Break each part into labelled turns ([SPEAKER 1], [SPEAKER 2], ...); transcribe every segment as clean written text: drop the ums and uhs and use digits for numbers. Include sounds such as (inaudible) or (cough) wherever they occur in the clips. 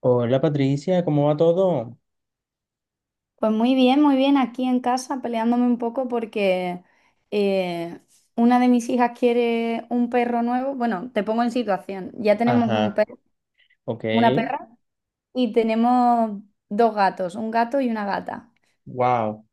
[SPEAKER 1] Hola Patricia, ¿cómo va todo?
[SPEAKER 2] Pues muy bien, aquí en casa peleándome un poco porque eh, una de mis hijas quiere un perro nuevo. Bueno, te pongo en situación. Ya tenemos un
[SPEAKER 1] Ajá,
[SPEAKER 2] perro,
[SPEAKER 1] ok,
[SPEAKER 2] una perra y tenemos dos gatos, un gato y una gata.
[SPEAKER 1] wow,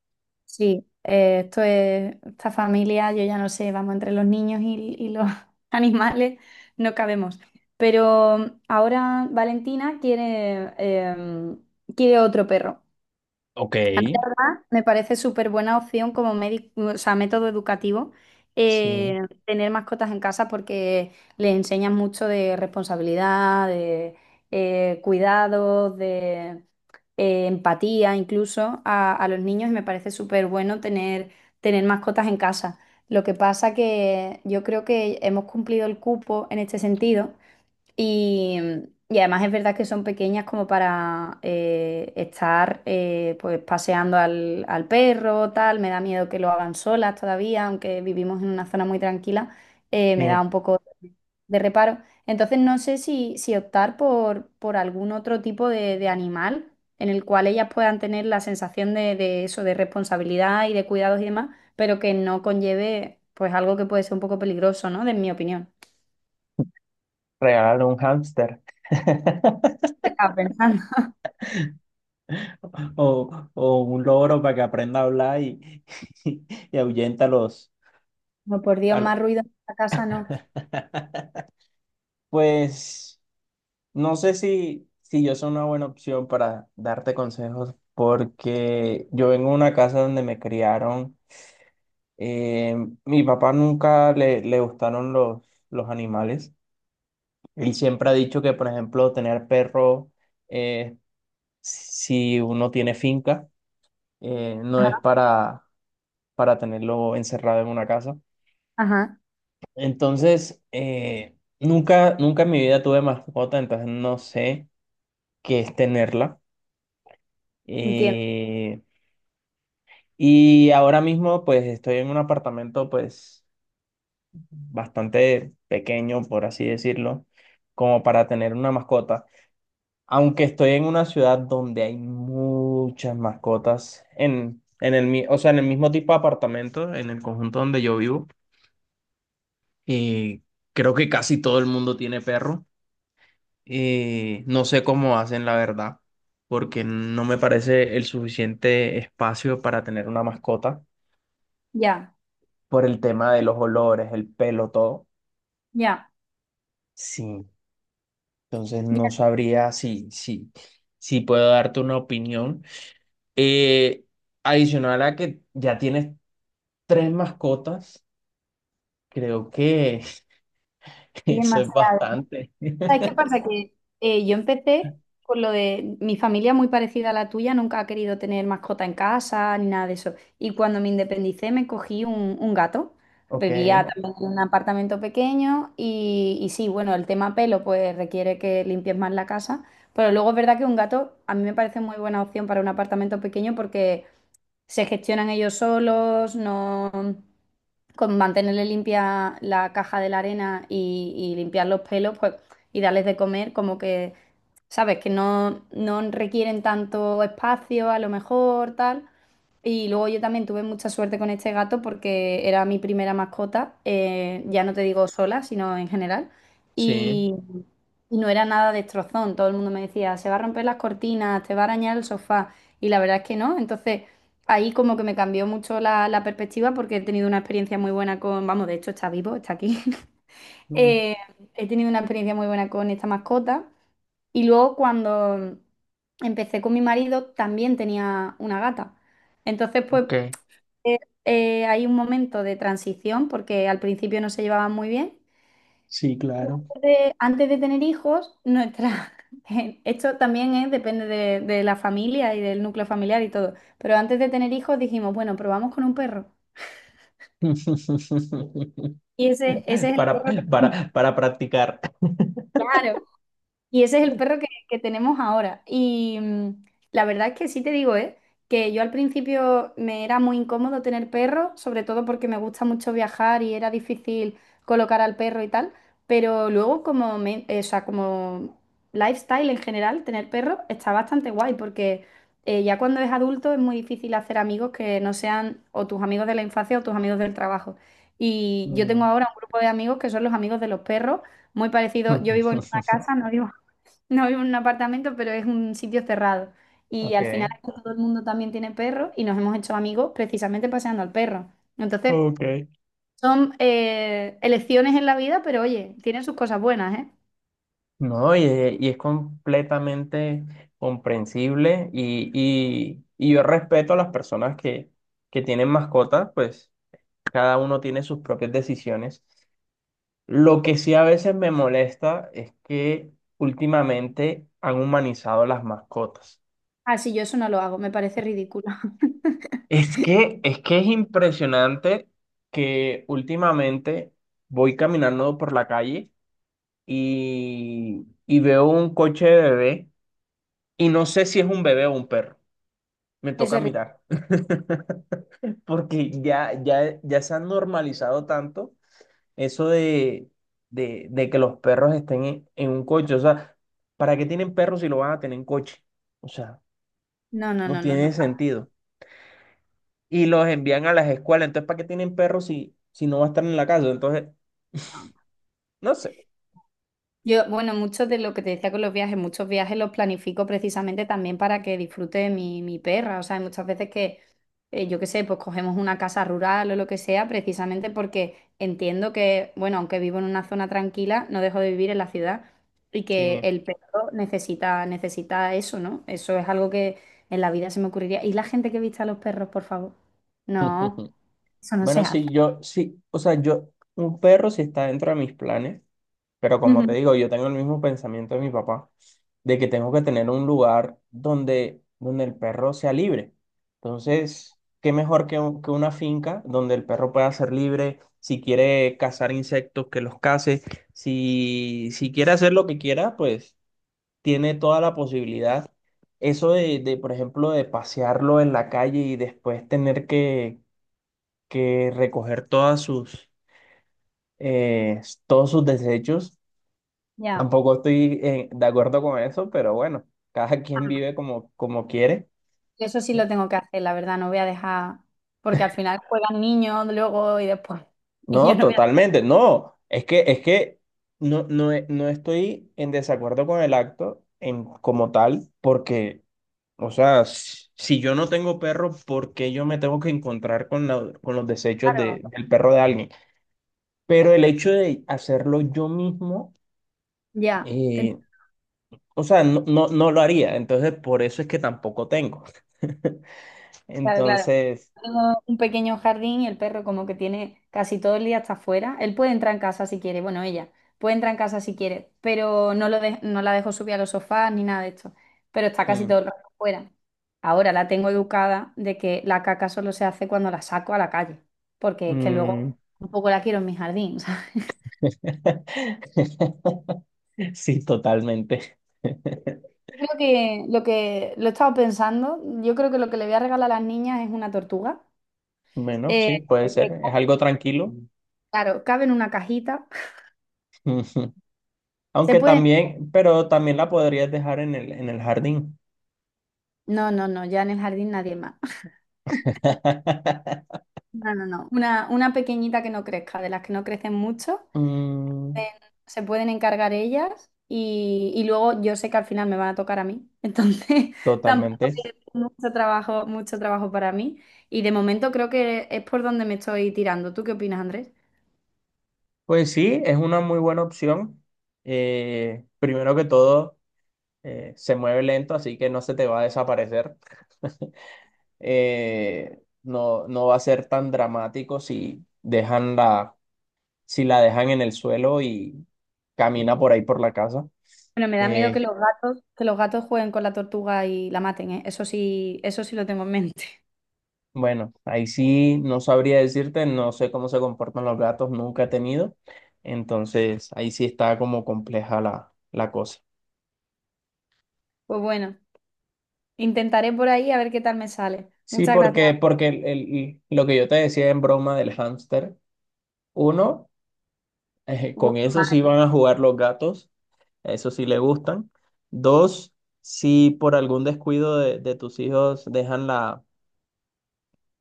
[SPEAKER 2] Sí, esta familia, yo ya no sé, vamos, entre los niños y los (laughs) animales no cabemos. Pero ahora Valentina quiere otro perro.
[SPEAKER 1] ok,
[SPEAKER 2] A mí, la me parece súper buena opción como o sea, método educativo
[SPEAKER 1] sí,
[SPEAKER 2] tener mascotas en casa porque le enseñan mucho de responsabilidad, de cuidados, de empatía incluso a los niños y me parece súper bueno tener mascotas en casa. Lo que pasa que yo creo que hemos cumplido el cupo en este sentido y, y además es verdad que son pequeñas como para estar pues paseando al perro, tal. Me da miedo que lo hagan solas todavía, aunque vivimos en una zona muy tranquila, me
[SPEAKER 1] sí,
[SPEAKER 2] da un poco de reparo. Entonces no sé si optar por algún otro tipo de animal en el cual ellas puedan tener la sensación de eso, de responsabilidad y de cuidados y demás, pero que no conlleve pues algo que puede ser un poco peligroso, ¿no? De mi opinión.
[SPEAKER 1] regálale un hámster (laughs)
[SPEAKER 2] ¿Qué estaba pensando?
[SPEAKER 1] o un loro para que aprenda a hablar y, (laughs) y ahuyenta a los...
[SPEAKER 2] No, por Dios,
[SPEAKER 1] a lo-
[SPEAKER 2] más ruido en esta casa no.
[SPEAKER 1] (laughs) Pues no sé si yo soy una buena opción para darte consejos porque yo vengo de una casa donde me criaron, eh, mi papá nunca le gustaron los animales. Él siempre ha dicho que, por ejemplo, tener perro, eh, si uno tiene finca, no es
[SPEAKER 2] Ajá,
[SPEAKER 1] para tenerlo encerrado en una casa.
[SPEAKER 2] ajá,
[SPEAKER 1] Entonces, nunca en mi vida tuve mascota, entonces no sé qué es tenerla.
[SPEAKER 2] entiendo.
[SPEAKER 1] Eh, y ahora mismo, pues, estoy en un apartamento, pues, bastante pequeño, por así decirlo, como para tener una mascota. Aunque estoy en una ciudad donde hay muchas mascotas o sea, en el mismo tipo de apartamento, en el conjunto donde yo vivo, y creo que casi todo el mundo tiene perro. Y no sé cómo hacen la verdad, porque no me parece el suficiente espacio para tener una mascota
[SPEAKER 2] Ya,
[SPEAKER 1] por el tema de los olores, el pelo, todo.
[SPEAKER 2] ya,
[SPEAKER 1] Sí, entonces no
[SPEAKER 2] ya,
[SPEAKER 1] sabría si puedo darte una opinión. Eh, Adicional a que ya tienes tres mascotas, creo que (laughs)
[SPEAKER 2] es
[SPEAKER 1] eso es
[SPEAKER 2] demasiado.
[SPEAKER 1] bastante.
[SPEAKER 2] ¿Sabes qué
[SPEAKER 1] (laughs)
[SPEAKER 2] pasa? Que yo empecé con lo de mi familia muy parecida a la tuya, nunca ha querido tener mascota en casa ni nada de eso. Y cuando me independicé me cogí un gato.
[SPEAKER 1] Ok,
[SPEAKER 2] Vivía también en un apartamento pequeño y sí, bueno, el tema pelo pues requiere que limpies más la casa, pero luego es verdad que un gato a mí me parece muy buena opción para un apartamento pequeño porque se gestionan ellos solos, no con mantenerle limpia la caja de la arena y limpiar los pelos, pues, y darles de comer, como que, sabes, que no, no requieren tanto espacio, a lo mejor, tal. Y luego yo también tuve mucha suerte con este gato porque era mi primera mascota, ya no te digo sola, sino en general.
[SPEAKER 1] sí,
[SPEAKER 2] Y, y no era nada destrozón, todo el mundo me decía, se va a romper las cortinas, te va a arañar el sofá. Y la verdad es que no. Entonces, ahí como que me cambió mucho la perspectiva porque he tenido una experiencia muy buena con, vamos, de hecho está vivo, está aquí. (laughs)
[SPEAKER 1] mm,
[SPEAKER 2] Eh, he tenido una experiencia muy buena con esta mascota y luego cuando empecé con mi marido también tenía una gata. Entonces, pues
[SPEAKER 1] ok.
[SPEAKER 2] eh, hay un momento de transición porque al principio no se llevaban muy bien.
[SPEAKER 1] Sí, claro.
[SPEAKER 2] Antes de tener hijos, nuestra (laughs) esto también es, depende de la familia y del núcleo familiar y todo. Pero antes de tener hijos dijimos, bueno, probamos con un perro.
[SPEAKER 1] (laughs)
[SPEAKER 2] Y ese es el
[SPEAKER 1] Para,
[SPEAKER 2] perro que,
[SPEAKER 1] para practicar.
[SPEAKER 2] claro, y ese es el perro que tenemos ahora. Y la verdad es que sí te digo, ¿eh? Que yo al principio me era muy incómodo tener perro, sobre todo porque me gusta mucho viajar y era difícil colocar al perro y tal. Pero luego como, o sea, como lifestyle en general, tener perro está bastante guay porque ya cuando es adulto es muy difícil hacer amigos que no sean o tus amigos de la infancia o tus amigos del trabajo. Y yo tengo
[SPEAKER 1] Mm,
[SPEAKER 2] ahora un grupo de amigos que son los amigos de los perros, muy parecido. Yo vivo en una
[SPEAKER 1] (laughs)
[SPEAKER 2] casa, no vivo en un apartamento, pero es un sitio cerrado. Y
[SPEAKER 1] ok.
[SPEAKER 2] al final aquí todo el mundo también tiene perro y nos hemos hecho amigos precisamente paseando al perro. Entonces,
[SPEAKER 1] Ok.
[SPEAKER 2] son elecciones en la vida, pero oye, tienen sus cosas buenas, ¿eh?
[SPEAKER 1] No, es es completamente comprensible y yo respeto a las personas que tienen mascotas, pues cada uno tiene sus propias decisiones. Lo que sí a veces me molesta es que últimamente han humanizado las mascotas.
[SPEAKER 2] Ah, sí, yo eso no lo hago, me parece ridículo. (laughs)
[SPEAKER 1] Es que es impresionante que últimamente voy caminando por la calle y veo un coche de bebé y no sé si es un bebé o un perro. Me
[SPEAKER 2] Eso
[SPEAKER 1] toca
[SPEAKER 2] es ri-
[SPEAKER 1] mirar. (laughs) Porque ya se han normalizado tanto eso de que los perros estén en un coche. O sea, ¿para qué tienen perros si lo van a tener en coche? O sea,
[SPEAKER 2] No, no,
[SPEAKER 1] no
[SPEAKER 2] no, no,
[SPEAKER 1] tiene
[SPEAKER 2] no.
[SPEAKER 1] sentido. Y los envían a las escuelas. Entonces, ¿para qué tienen perros si, si no va a estar en la casa? Entonces, no sé.
[SPEAKER 2] Yo, bueno, muchos de lo que te decía con los viajes, muchos viajes los planifico precisamente también para que disfrute mi perra. O sea, hay muchas veces que, yo qué sé, pues cogemos una casa rural o lo que sea, precisamente porque entiendo que, bueno, aunque vivo en una zona tranquila, no dejo de vivir en la ciudad y que
[SPEAKER 1] Sí.
[SPEAKER 2] el perro necesita, necesita eso, ¿no? Eso es algo que en la vida se me ocurriría. ¿Y la gente que viste a los perros, por favor? No,
[SPEAKER 1] (laughs)
[SPEAKER 2] eso no se
[SPEAKER 1] Bueno,
[SPEAKER 2] hace.
[SPEAKER 1] sí, yo, sí, o sea, yo, un perro sí está dentro de mis planes. Pero como te
[SPEAKER 2] Ujú.
[SPEAKER 1] digo, yo tengo el mismo pensamiento de mi papá, de que tengo que tener un lugar donde el perro sea libre. Entonces, qué mejor que, que una finca donde el perro pueda ser libre, si quiere cazar insectos, que los case, si quiere hacer lo que quiera, pues tiene toda la posibilidad. Eso por ejemplo, de pasearlo en la calle y después tener que recoger todas sus, eh, todos sus desechos.
[SPEAKER 2] Ya.
[SPEAKER 1] Tampoco estoy de acuerdo con eso, pero bueno, cada quien vive como, como quiere.
[SPEAKER 2] Eso sí lo tengo que hacer, la verdad, no voy a dejar, porque al final juegan niños luego y después, (laughs) y yo
[SPEAKER 1] No,
[SPEAKER 2] no voy a
[SPEAKER 1] totalmente, no. Es que no, no, no estoy en desacuerdo con el acto en, como tal, porque, o sea, si yo no tengo perro, ¿por qué yo me tengo que encontrar con, con los desechos
[SPEAKER 2] dejarlo.
[SPEAKER 1] del perro de alguien? Pero el hecho de hacerlo yo mismo,
[SPEAKER 2] Ya,
[SPEAKER 1] eh,
[SPEAKER 2] entonces,
[SPEAKER 1] o sea, no, no, no lo haría. Entonces, por eso es que tampoco tengo. (laughs)
[SPEAKER 2] claro, claro.
[SPEAKER 1] Entonces...
[SPEAKER 2] Tengo un pequeño jardín y el perro como que tiene casi todo el día hasta afuera. Él puede entrar en casa si quiere, bueno, ella puede entrar en casa si quiere, pero no, no la dejo subir a los sofás ni nada de esto, pero está casi
[SPEAKER 1] mm,
[SPEAKER 2] todo el rato afuera. Ahora la tengo educada de que la caca solo se hace cuando la saco a la calle, porque es que
[SPEAKER 1] mm.
[SPEAKER 2] luego un poco la quiero en mi jardín. (laughs)
[SPEAKER 1] (laughs) Sí, totalmente.
[SPEAKER 2] Creo que lo he estado pensando, yo creo que lo que le voy a regalar a las niñas es una tortuga.
[SPEAKER 1] Bueno,
[SPEAKER 2] Eh,
[SPEAKER 1] sí, puede
[SPEAKER 2] que,
[SPEAKER 1] ser. Es algo tranquilo.
[SPEAKER 2] claro, cabe en una cajita.
[SPEAKER 1] Ujú. (laughs)
[SPEAKER 2] Se
[SPEAKER 1] Aunque
[SPEAKER 2] puede.
[SPEAKER 1] también, pero también la podrías dejar en el jardín.
[SPEAKER 2] No, no, no, ya en el jardín nadie más. (laughs)
[SPEAKER 1] (laughs)
[SPEAKER 2] No, no, no. Una pequeñita que no crezca, de las que no crecen mucho.
[SPEAKER 1] Mm,
[SPEAKER 2] eh, se pueden encargar ellas y luego yo sé que al final me van a tocar a mí. Entonces, (laughs) tampoco
[SPEAKER 1] totalmente.
[SPEAKER 2] es mucho trabajo para mí. Y de momento creo que es por donde me estoy tirando. ¿Tú qué opinas, Andrés?
[SPEAKER 1] Pues sí, es una muy buena opción. Primero que todo, se mueve lento, así que no se te va a desaparecer. (laughs) No, no va a ser tan dramático si dejan la, si la dejan en el suelo y camina por ahí por la casa.
[SPEAKER 2] Bueno, me da miedo
[SPEAKER 1] Eh,
[SPEAKER 2] que los gatos jueguen con la tortuga y la maten, ¿eh? Eso sí lo tengo en mente. (laughs)
[SPEAKER 1] bueno, ahí sí no sabría decirte, no sé cómo se comportan los gatos, nunca he tenido. Entonces, ahí sí está como compleja la cosa.
[SPEAKER 2] Pues bueno, intentaré por ahí a ver qué tal me sale.
[SPEAKER 1] Sí,
[SPEAKER 2] Muchas gracias.
[SPEAKER 1] porque, porque lo que yo te decía en broma del hámster, uno, con
[SPEAKER 2] Huele
[SPEAKER 1] eso sí
[SPEAKER 2] mal,
[SPEAKER 1] van a jugar los gatos, a eso sí le gustan. Dos, si por algún descuido de tus hijos dejan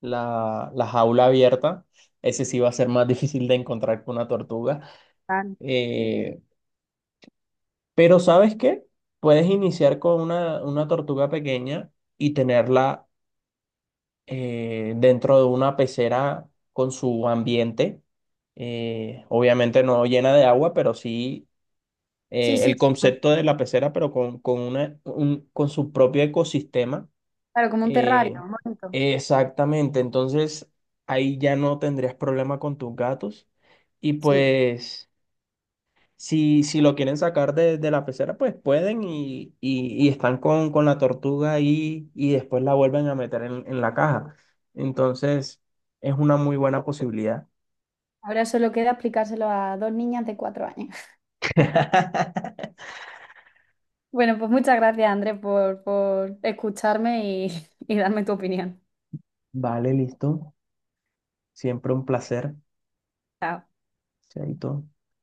[SPEAKER 1] la, la jaula abierta. Ese sí va a ser más difícil de encontrar que una tortuga.
[SPEAKER 2] tal.
[SPEAKER 1] Eh, pero ¿sabes qué? Puedes iniciar con una tortuga pequeña y tenerla dentro de una pecera con su ambiente. Obviamente no llena de agua, pero sí
[SPEAKER 2] Sí, sí,
[SPEAKER 1] el concepto de la pecera, pero con, una, con su propio ecosistema.
[SPEAKER 2] claro, como un terrario,
[SPEAKER 1] Eh,
[SPEAKER 2] bonito.
[SPEAKER 1] Exactamente, entonces ahí ya no tendrías problema con tus gatos. Y
[SPEAKER 2] Sí.
[SPEAKER 1] pues, si lo quieren sacar de la pecera, pues pueden y están con la tortuga ahí y después la vuelven a meter en la caja. Entonces, es una muy buena posibilidad.
[SPEAKER 2] Ahora solo queda explicárselo a dos niñas de 4 años. (laughs)
[SPEAKER 1] (laughs)
[SPEAKER 2] Bueno, pues muchas gracias, Andrés, por escucharme y, (laughs) y darme tu opinión.
[SPEAKER 1] Vale, listo. Siempre un placer.
[SPEAKER 2] Chao.
[SPEAKER 1] Chaito.